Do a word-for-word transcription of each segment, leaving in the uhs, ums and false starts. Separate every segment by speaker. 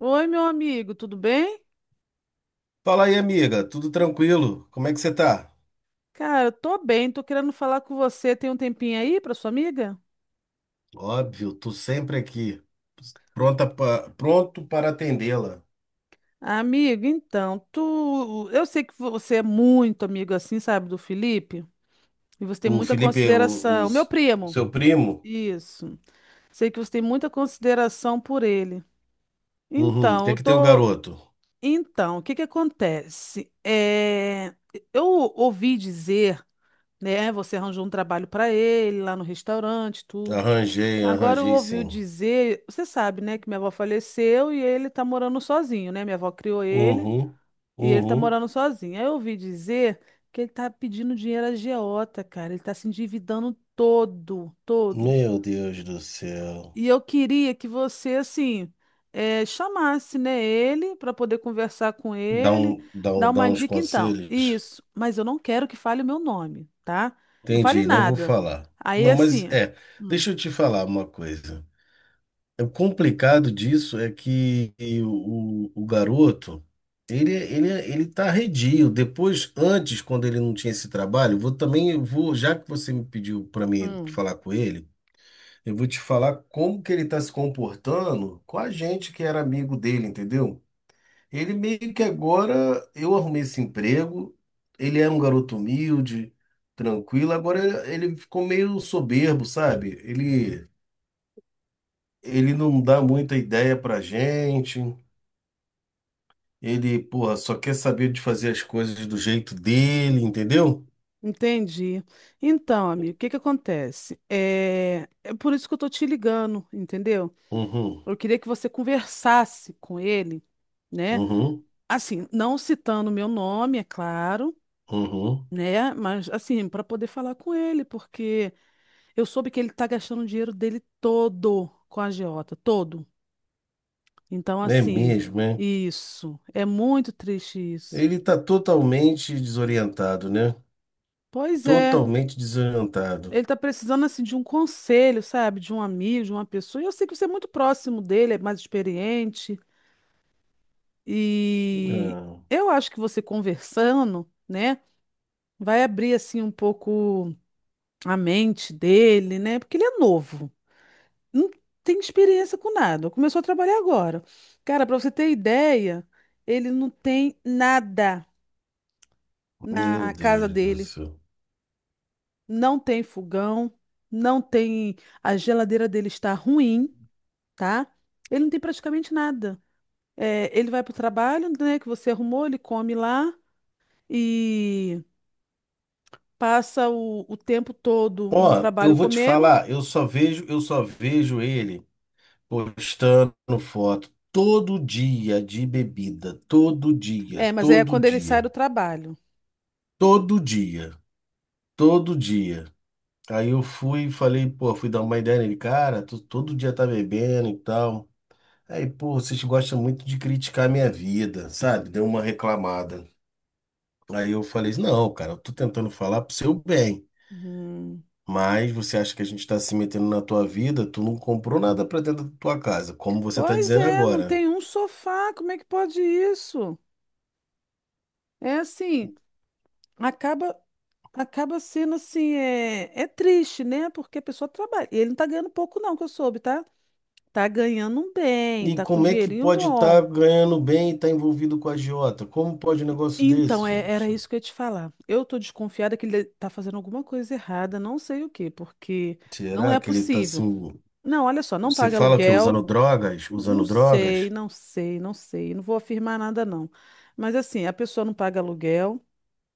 Speaker 1: Oi, meu amigo, tudo bem?
Speaker 2: Fala aí, amiga, tudo tranquilo? Como é que você tá?
Speaker 1: Cara, eu tô bem, tô querendo falar com você. Tem um tempinho aí pra sua amiga?
Speaker 2: Óbvio, tô sempre aqui, pronta pa- pronto para atendê-la.
Speaker 1: Amigo, então, tu, eu sei que você é muito amigo assim, sabe, do Felipe, e você tem
Speaker 2: O
Speaker 1: muita
Speaker 2: Felipe, o,
Speaker 1: consideração. Meu
Speaker 2: os- o
Speaker 1: primo,
Speaker 2: seu primo?
Speaker 1: isso. Sei que você tem muita consideração por ele.
Speaker 2: Uhum.
Speaker 1: Então,
Speaker 2: Tem
Speaker 1: eu
Speaker 2: que ter um
Speaker 1: tô,
Speaker 2: garoto.
Speaker 1: então, o que que acontece? É, eu ouvi dizer, né, você arranjou um trabalho pra ele lá no restaurante, tudo.
Speaker 2: Arranjei,
Speaker 1: Agora eu
Speaker 2: arranjei
Speaker 1: ouviu
Speaker 2: sim.
Speaker 1: dizer, você sabe, né, que minha avó faleceu e ele tá morando sozinho, né? Minha avó criou ele
Speaker 2: Uhum,
Speaker 1: e ele tá
Speaker 2: uhum.
Speaker 1: morando sozinho. Aí eu ouvi dizer que ele tá pedindo dinheiro à agiota, cara. Ele tá se endividando todo, todo.
Speaker 2: Meu Deus do céu.
Speaker 1: E eu queria que você, assim, eh, chamasse, né, ele para poder conversar com
Speaker 2: Dá
Speaker 1: ele,
Speaker 2: um, dá
Speaker 1: dar
Speaker 2: um, dá
Speaker 1: uma
Speaker 2: uns
Speaker 1: dica então.
Speaker 2: conselhos?
Speaker 1: Isso, mas eu não quero que fale o meu nome, tá? Não fale
Speaker 2: Entendi, não vou
Speaker 1: nada.
Speaker 2: falar.
Speaker 1: Aí,
Speaker 2: Não, mas
Speaker 1: assim,
Speaker 2: é,
Speaker 1: hum,
Speaker 2: deixa eu te falar uma coisa. É, O complicado disso é que o, o, o garoto, ele, ele, ele tá arredio. Depois, antes, quando ele não tinha esse trabalho, vou também, eu vou, já que você me pediu para mim
Speaker 1: hum.
Speaker 2: falar com ele, eu vou te falar como que ele tá se comportando com a gente que era amigo dele, entendeu? Ele meio que agora, eu arrumei esse emprego, ele era um garoto humilde, tranquilo, agora ele, ele ficou meio soberbo, sabe? Ele ele não dá muita ideia pra gente. Ele, porra, só quer saber de fazer as coisas do jeito dele, entendeu?
Speaker 1: Entendi. Então, amigo, o que que acontece? É, é por isso que eu tô te ligando, entendeu?
Speaker 2: Uhum,
Speaker 1: Eu queria que você conversasse com ele, né?
Speaker 2: uhum,
Speaker 1: Assim, não citando meu nome, é claro,
Speaker 2: uhum.
Speaker 1: né? Mas assim, para poder falar com ele, porque eu soube que ele tá gastando o dinheiro dele todo com a agiota, todo. Então,
Speaker 2: É
Speaker 1: assim,
Speaker 2: mesmo, é.
Speaker 1: isso. É muito triste isso.
Speaker 2: Ele tá totalmente desorientado, né?
Speaker 1: Pois é.
Speaker 2: Totalmente desorientado.
Speaker 1: Ele tá precisando assim de um conselho, sabe? De um amigo, de uma pessoa. E eu sei que você é muito próximo dele, é mais experiente. E
Speaker 2: Ah,
Speaker 1: eu acho que você conversando, né, vai abrir assim um pouco a mente dele, né? Porque ele é novo, não tem experiência com nada. Começou a trabalhar agora. Cara, para você ter ideia, ele não tem nada
Speaker 2: meu
Speaker 1: na casa
Speaker 2: Deus do
Speaker 1: dele.
Speaker 2: céu.
Speaker 1: Não tem fogão, não tem. A geladeira dele está ruim, tá? Ele não tem praticamente nada. É, ele vai para o trabalho, né, que você arrumou, ele come lá e passa o, o tempo todo no
Speaker 2: Ó, eu
Speaker 1: trabalho
Speaker 2: vou te
Speaker 1: comendo.
Speaker 2: falar, eu só vejo, eu só vejo ele postando foto todo dia de bebida, todo dia,
Speaker 1: É, mas é
Speaker 2: todo
Speaker 1: quando ele sai
Speaker 2: dia,
Speaker 1: do trabalho.
Speaker 2: todo dia. Todo dia. Aí eu fui e falei, pô, fui dar uma ideia nele, cara, tu todo dia tá bebendo e tal. Aí, pô, vocês gostam muito de criticar a minha vida, sabe? Deu uma reclamada. Aí eu falei, não, cara, eu tô tentando falar pro seu bem,
Speaker 1: Hum.
Speaker 2: mas você acha que a gente tá se metendo na tua vida? Tu não comprou nada pra dentro da tua casa, como você tá
Speaker 1: Pois
Speaker 2: dizendo
Speaker 1: é, não
Speaker 2: agora.
Speaker 1: tem um sofá, como é que pode isso? É assim, acaba acaba sendo assim, é, é triste, né? Porque a pessoa trabalha. E ele não tá ganhando pouco não, que eu soube, tá? Tá ganhando um bem,
Speaker 2: E
Speaker 1: tá com
Speaker 2: como é que
Speaker 1: dinheirinho
Speaker 2: pode estar
Speaker 1: bom.
Speaker 2: ganhando bem e tá envolvido com a agiota? Como pode um negócio
Speaker 1: Então,
Speaker 2: desse,
Speaker 1: é- era
Speaker 2: gente?
Speaker 1: isso que eu ia te falar. Eu tô desconfiada que ele tá fazendo alguma coisa errada, não sei o quê, porque não
Speaker 2: Será
Speaker 1: é
Speaker 2: que ele tá
Speaker 1: possível.
Speaker 2: assim?
Speaker 1: Não, olha só, não
Speaker 2: Você
Speaker 1: paga
Speaker 2: fala que usando
Speaker 1: aluguel,
Speaker 2: drogas,
Speaker 1: não
Speaker 2: usando
Speaker 1: sei,
Speaker 2: drogas,
Speaker 1: não sei, não sei, não vou afirmar nada, não. Mas assim, a pessoa não paga aluguel,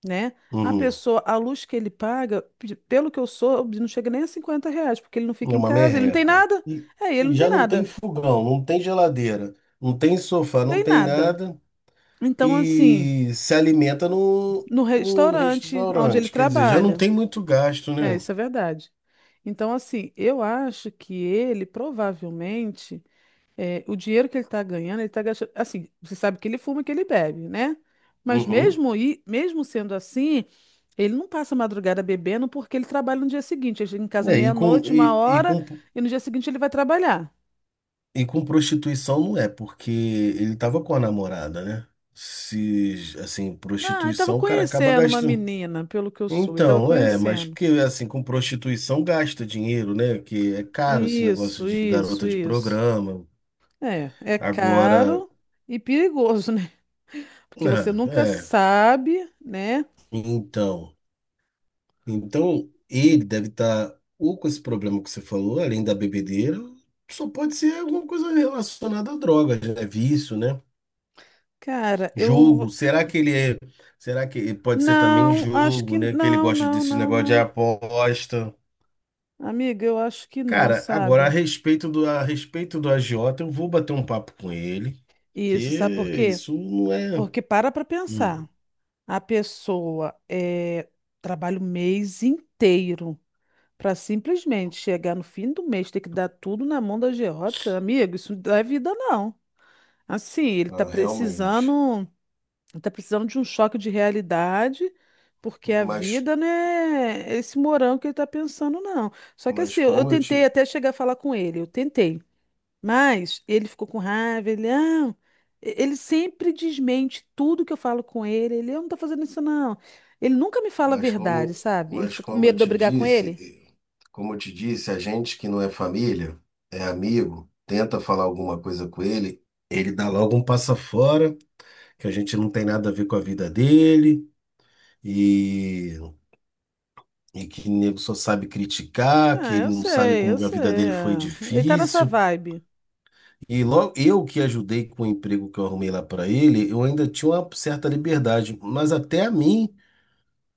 Speaker 1: né? A
Speaker 2: uhum,
Speaker 1: pessoa, a luz que ele paga, pe- pelo que eu soube, não chega nem a cinquenta reais, porque ele não
Speaker 2: é
Speaker 1: fica em
Speaker 2: uma
Speaker 1: casa, ele não tem
Speaker 2: merreca.
Speaker 1: nada.
Speaker 2: E,
Speaker 1: É, ele
Speaker 2: e
Speaker 1: não tem
Speaker 2: já não tem
Speaker 1: nada,
Speaker 2: fogão, não tem geladeira, não tem sofá, não
Speaker 1: tem
Speaker 2: tem
Speaker 1: nada.
Speaker 2: nada
Speaker 1: Então, assim,
Speaker 2: e se alimenta no,
Speaker 1: no
Speaker 2: no
Speaker 1: restaurante onde ele
Speaker 2: restaurante. Quer dizer, já não
Speaker 1: trabalha.
Speaker 2: tem muito gasto,
Speaker 1: É,
Speaker 2: né?
Speaker 1: isso é verdade. Então, assim, eu acho que ele provavelmente, é, o dinheiro que ele está ganhando, ele está gastando. Assim, você sabe que ele fuma, que ele bebe, né? Mas
Speaker 2: Uhum.
Speaker 1: mesmo, e, mesmo sendo assim, ele não passa a madrugada bebendo porque ele trabalha no dia seguinte. Ele chega em casa
Speaker 2: É, e com,
Speaker 1: meia-noite, uma
Speaker 2: e, e
Speaker 1: hora,
Speaker 2: com,
Speaker 1: e no dia seguinte ele vai trabalhar.
Speaker 2: e com prostituição não é, porque ele tava com a namorada, né? Se, assim,
Speaker 1: Não, ele estava
Speaker 2: prostituição, o cara acaba
Speaker 1: conhecendo uma
Speaker 2: gastando.
Speaker 1: menina, pelo que eu soube, ele estava
Speaker 2: Então, é, mas
Speaker 1: conhecendo.
Speaker 2: porque assim, com prostituição gasta dinheiro, né? Que é caro esse negócio
Speaker 1: Isso,
Speaker 2: de
Speaker 1: isso,
Speaker 2: garota de
Speaker 1: isso.
Speaker 2: programa.
Speaker 1: É, é
Speaker 2: Agora,
Speaker 1: caro e perigoso, né? Porque você
Speaker 2: é,
Speaker 1: nunca
Speaker 2: é,
Speaker 1: sabe, né?
Speaker 2: então, então ele deve estar ou com esse problema que você falou, além da bebedeira, só pode ser alguma coisa relacionada a drogas, né? Vício, né?
Speaker 1: Cara, eu.
Speaker 2: Jogo.
Speaker 1: vou-
Speaker 2: Será que ele é, será que pode ser também
Speaker 1: Não, acho
Speaker 2: jogo,
Speaker 1: que.
Speaker 2: né? Que ele
Speaker 1: Não,
Speaker 2: gosta
Speaker 1: não,
Speaker 2: desse
Speaker 1: não,
Speaker 2: negócio de
Speaker 1: não.
Speaker 2: aposta.
Speaker 1: Amiga, eu acho que não,
Speaker 2: Cara, agora a
Speaker 1: sabe?
Speaker 2: respeito do, a respeito do agiota, eu vou bater um papo com ele, que
Speaker 1: Isso, sabe por quê?
Speaker 2: isso não é.
Speaker 1: Porque para pra
Speaker 2: Hum.
Speaker 1: pensar. A pessoa é, trabalha o mês inteiro para simplesmente chegar no fim do mês, ter que dar tudo na mão da Gerota. Amigo, isso não é vida, não. Assim, ele tá
Speaker 2: Ah, realmente.
Speaker 1: precisando. Tá precisando de um choque de realidade, porque a
Speaker 2: Mas,
Speaker 1: vida não é esse morango que ele tá pensando, não. Só que
Speaker 2: mas
Speaker 1: assim, eu, eu
Speaker 2: como eu
Speaker 1: tentei
Speaker 2: te,
Speaker 1: até chegar a falar com ele, eu tentei. Mas ele ficou com raiva, ele, não. E- Ele sempre desmente tudo que eu falo com ele. Ele, eu não tô fazendo isso, não. Ele nunca me fala a
Speaker 2: mas
Speaker 1: verdade,
Speaker 2: como,
Speaker 1: sabe? Ele
Speaker 2: mas
Speaker 1: fica com
Speaker 2: como eu
Speaker 1: medo de eu
Speaker 2: te
Speaker 1: brigar com ele.
Speaker 2: disse, como eu te disse, a gente que não é família, é amigo, tenta falar alguma coisa com ele. Ele dá logo um passa fora, que a gente não tem nada a ver com a vida dele, e E que o nego só sabe criticar, que
Speaker 1: Ah,
Speaker 2: ele
Speaker 1: eu
Speaker 2: não sabe
Speaker 1: sei, eu
Speaker 2: como a
Speaker 1: sei.
Speaker 2: vida dele foi
Speaker 1: É. Ele tá nessa
Speaker 2: difícil.
Speaker 1: vibe.
Speaker 2: E logo eu que ajudei com o emprego que eu arrumei lá para ele, eu ainda tinha uma certa liberdade, mas até a mim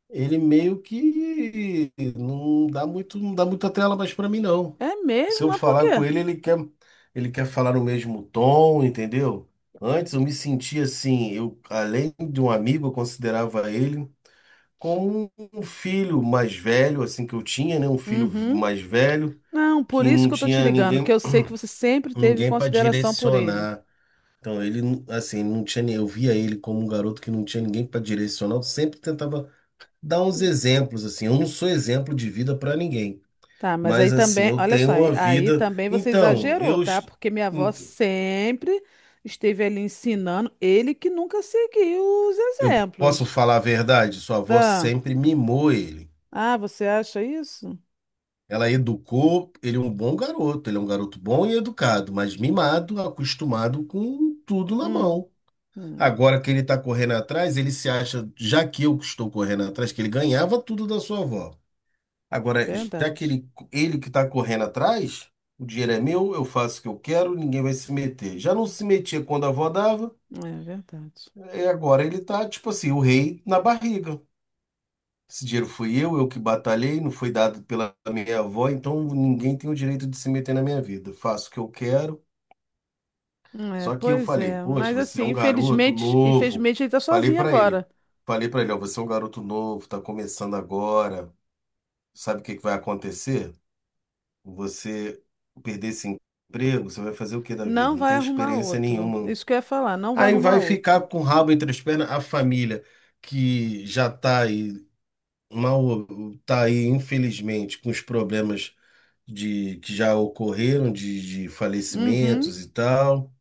Speaker 2: ele meio que não dá muito, não dá muita trela mais para mim não.
Speaker 1: É
Speaker 2: Se
Speaker 1: mesmo?
Speaker 2: eu
Speaker 1: Mas por
Speaker 2: falar com
Speaker 1: quê?
Speaker 2: ele, ele quer ele quer falar no mesmo tom, entendeu? Antes eu me sentia assim, eu além de um amigo, eu considerava ele com um filho mais velho, assim que eu tinha, né? Um filho
Speaker 1: Uhum.
Speaker 2: mais velho
Speaker 1: Não, por
Speaker 2: que
Speaker 1: isso
Speaker 2: não
Speaker 1: que eu tô te
Speaker 2: tinha
Speaker 1: ligando, que
Speaker 2: ninguém,
Speaker 1: eu sei que você sempre teve
Speaker 2: ninguém para
Speaker 1: consideração por ele.
Speaker 2: direcionar. Então ele, não- assim, não tinha, nem- eu via ele como um garoto que não tinha ninguém para direcionar. Eu sempre tentava dar uns exemplos, assim. Eu não sou exemplo de vida para ninguém,
Speaker 1: Tá, mas aí
Speaker 2: mas assim,
Speaker 1: também,
Speaker 2: eu
Speaker 1: olha só,
Speaker 2: tenho
Speaker 1: aí,
Speaker 2: uma
Speaker 1: aí
Speaker 2: vida.
Speaker 1: também você
Speaker 2: Então,
Speaker 1: exagerou,
Speaker 2: eu,
Speaker 1: tá?
Speaker 2: est-
Speaker 1: Porque minha avó sempre esteve ali ensinando, ele que nunca seguiu os
Speaker 2: eu posso
Speaker 1: exemplos.
Speaker 2: falar a verdade, sua avó
Speaker 1: Ah,
Speaker 2: sempre mimou ele.
Speaker 1: ah, você acha isso?
Speaker 2: Ela educou, ele é um bom garoto, ele é um garoto bom e educado, mas mimado, acostumado com tudo na
Speaker 1: Hum,
Speaker 2: mão.
Speaker 1: hum,
Speaker 2: Agora que ele está correndo atrás, ele se acha, já que eu estou correndo atrás, que ele ganhava tudo da sua avó. Agora, já que
Speaker 1: verdade.
Speaker 2: ele, ele que está correndo atrás, o dinheiro é meu, eu faço o que eu quero, ninguém vai se meter. Já não se metia quando a avó dava,
Speaker 1: É verdade.
Speaker 2: e agora ele está, tipo assim, o rei na barriga. Esse dinheiro fui eu, eu que batalhei, não foi dado pela minha avó, então ninguém tem o direito de se meter na minha vida. Faço o que eu quero.
Speaker 1: É,
Speaker 2: Só que eu
Speaker 1: pois
Speaker 2: falei,
Speaker 1: é,
Speaker 2: poxa,
Speaker 1: mas
Speaker 2: você é
Speaker 1: assim,
Speaker 2: um garoto
Speaker 1: infelizmente,
Speaker 2: novo.
Speaker 1: infelizmente ele tá
Speaker 2: Falei
Speaker 1: sozinho
Speaker 2: pra ele,
Speaker 1: agora.
Speaker 2: falei pra ele, ó, você é um garoto novo, tá começando agora. Sabe o que que vai acontecer? Você perder esse emprego, você vai fazer o que da vida?
Speaker 1: Não
Speaker 2: Não
Speaker 1: vai
Speaker 2: tem
Speaker 1: arrumar
Speaker 2: experiência
Speaker 1: outro.
Speaker 2: nenhuma.
Speaker 1: Isso que eu ia falar, não vai
Speaker 2: Aí
Speaker 1: arrumar
Speaker 2: vai ficar
Speaker 1: outro.
Speaker 2: com o rabo entre as pernas a família que já tá aí mal, tá aí infelizmente com os problemas de que já ocorreram de, de
Speaker 1: Uhum.
Speaker 2: falecimentos e tal,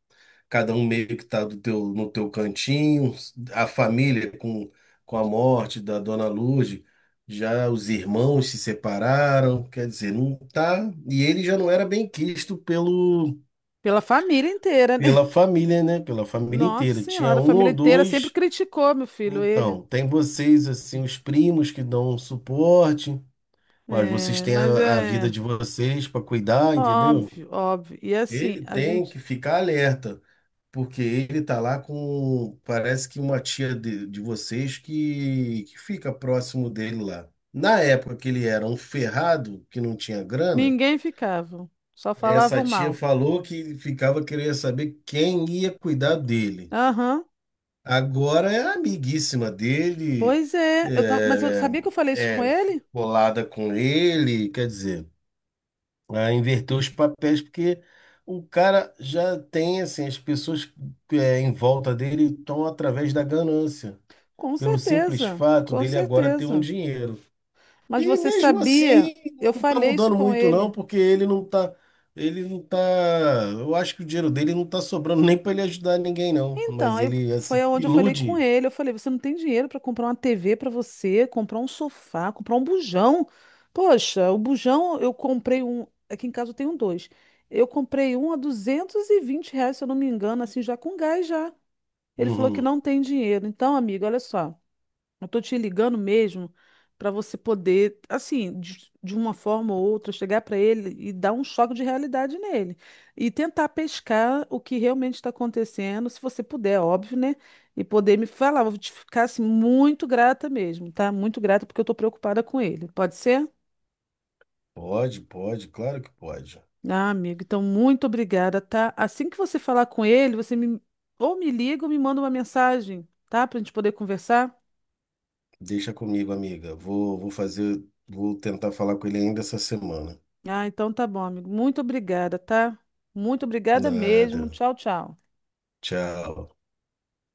Speaker 2: cada um meio que está do teu, no teu cantinho, a família com, com a morte da Dona Lourdes, já os irmãos se separaram, quer dizer, não tá, e ele já não era bem quisto pelo
Speaker 1: Pela família inteira, né?
Speaker 2: pela família, né? Pela família
Speaker 1: Nossa
Speaker 2: inteira. Tinha
Speaker 1: Senhora, a
Speaker 2: um
Speaker 1: família
Speaker 2: ou
Speaker 1: inteira sempre
Speaker 2: dois.
Speaker 1: criticou meu filho, ele.
Speaker 2: Então, tem vocês assim, os primos que dão um suporte, mas vocês
Speaker 1: É,
Speaker 2: têm
Speaker 1: mas
Speaker 2: a, a vida
Speaker 1: é
Speaker 2: de vocês para cuidar, entendeu?
Speaker 1: óbvio, óbvio. E assim,
Speaker 2: Ele
Speaker 1: a
Speaker 2: tem
Speaker 1: gente,
Speaker 2: que ficar alerta, porque ele tá lá com, parece que uma tia de, de vocês que, que fica próximo dele lá. Na época que ele era um ferrado, que não tinha grana,
Speaker 1: ninguém ficava, só
Speaker 2: essa
Speaker 1: falavam
Speaker 2: tia
Speaker 1: mal.
Speaker 2: falou que ficava querendo saber quem ia cuidar dele.
Speaker 1: Aham.
Speaker 2: Agora é amiguíssima dele,
Speaker 1: Pois é, eu tava, mas eu
Speaker 2: é,
Speaker 1: sabia que eu falei isso com
Speaker 2: é
Speaker 1: ele?
Speaker 2: colada com ele, quer dizer. A inverter os papéis, porque o cara já tem assim, as pessoas é, em volta dele estão através da ganância,
Speaker 1: Com
Speaker 2: pelo simples
Speaker 1: certeza,
Speaker 2: fato
Speaker 1: com
Speaker 2: dele agora ter um
Speaker 1: certeza.
Speaker 2: dinheiro.
Speaker 1: Mas
Speaker 2: E
Speaker 1: você
Speaker 2: mesmo
Speaker 1: sabia?
Speaker 2: assim
Speaker 1: Eu
Speaker 2: não está
Speaker 1: falei isso
Speaker 2: mudando
Speaker 1: com
Speaker 2: muito não,
Speaker 1: ele.
Speaker 2: porque ele não tá, ele não tá, eu acho que o dinheiro dele não está sobrando nem para ele ajudar ninguém não,
Speaker 1: Então,
Speaker 2: mas
Speaker 1: aí
Speaker 2: ele assim
Speaker 1: foi onde eu falei com
Speaker 2: ilude.
Speaker 1: ele. Eu falei: você não tem dinheiro para comprar uma T V para você, comprar um sofá, comprar um bujão. Poxa, o bujão eu comprei um. Aqui em casa eu tenho dois. Eu comprei um a duzentos e vinte reais, se eu não me engano, assim, já com gás já. Ele falou que
Speaker 2: Uhum.
Speaker 1: não tem dinheiro. Então, amiga, olha só. Eu tô te ligando mesmo para você poder, assim, de, de uma forma ou outra, chegar para ele e dar um choque de realidade nele. E tentar pescar o que realmente está acontecendo, se você puder, é óbvio, né? E poder me falar. Vou te ficar, assim, muito grata mesmo, tá? Muito grata porque eu tô preocupada com ele. Pode ser?
Speaker 2: Pode, pode, claro que pode.
Speaker 1: Ah, amigo, então muito obrigada, tá? Assim que você falar com ele, você me ou me liga ou me manda uma mensagem, tá? Pra gente poder conversar.
Speaker 2: Deixa comigo, amiga. Vou, vou fazer, vou tentar falar com ele ainda essa semana.
Speaker 1: Ah, então tá bom, amigo. Muito obrigada, tá? Muito obrigada
Speaker 2: Nada.
Speaker 1: mesmo. Tchau, tchau.
Speaker 2: Tchau.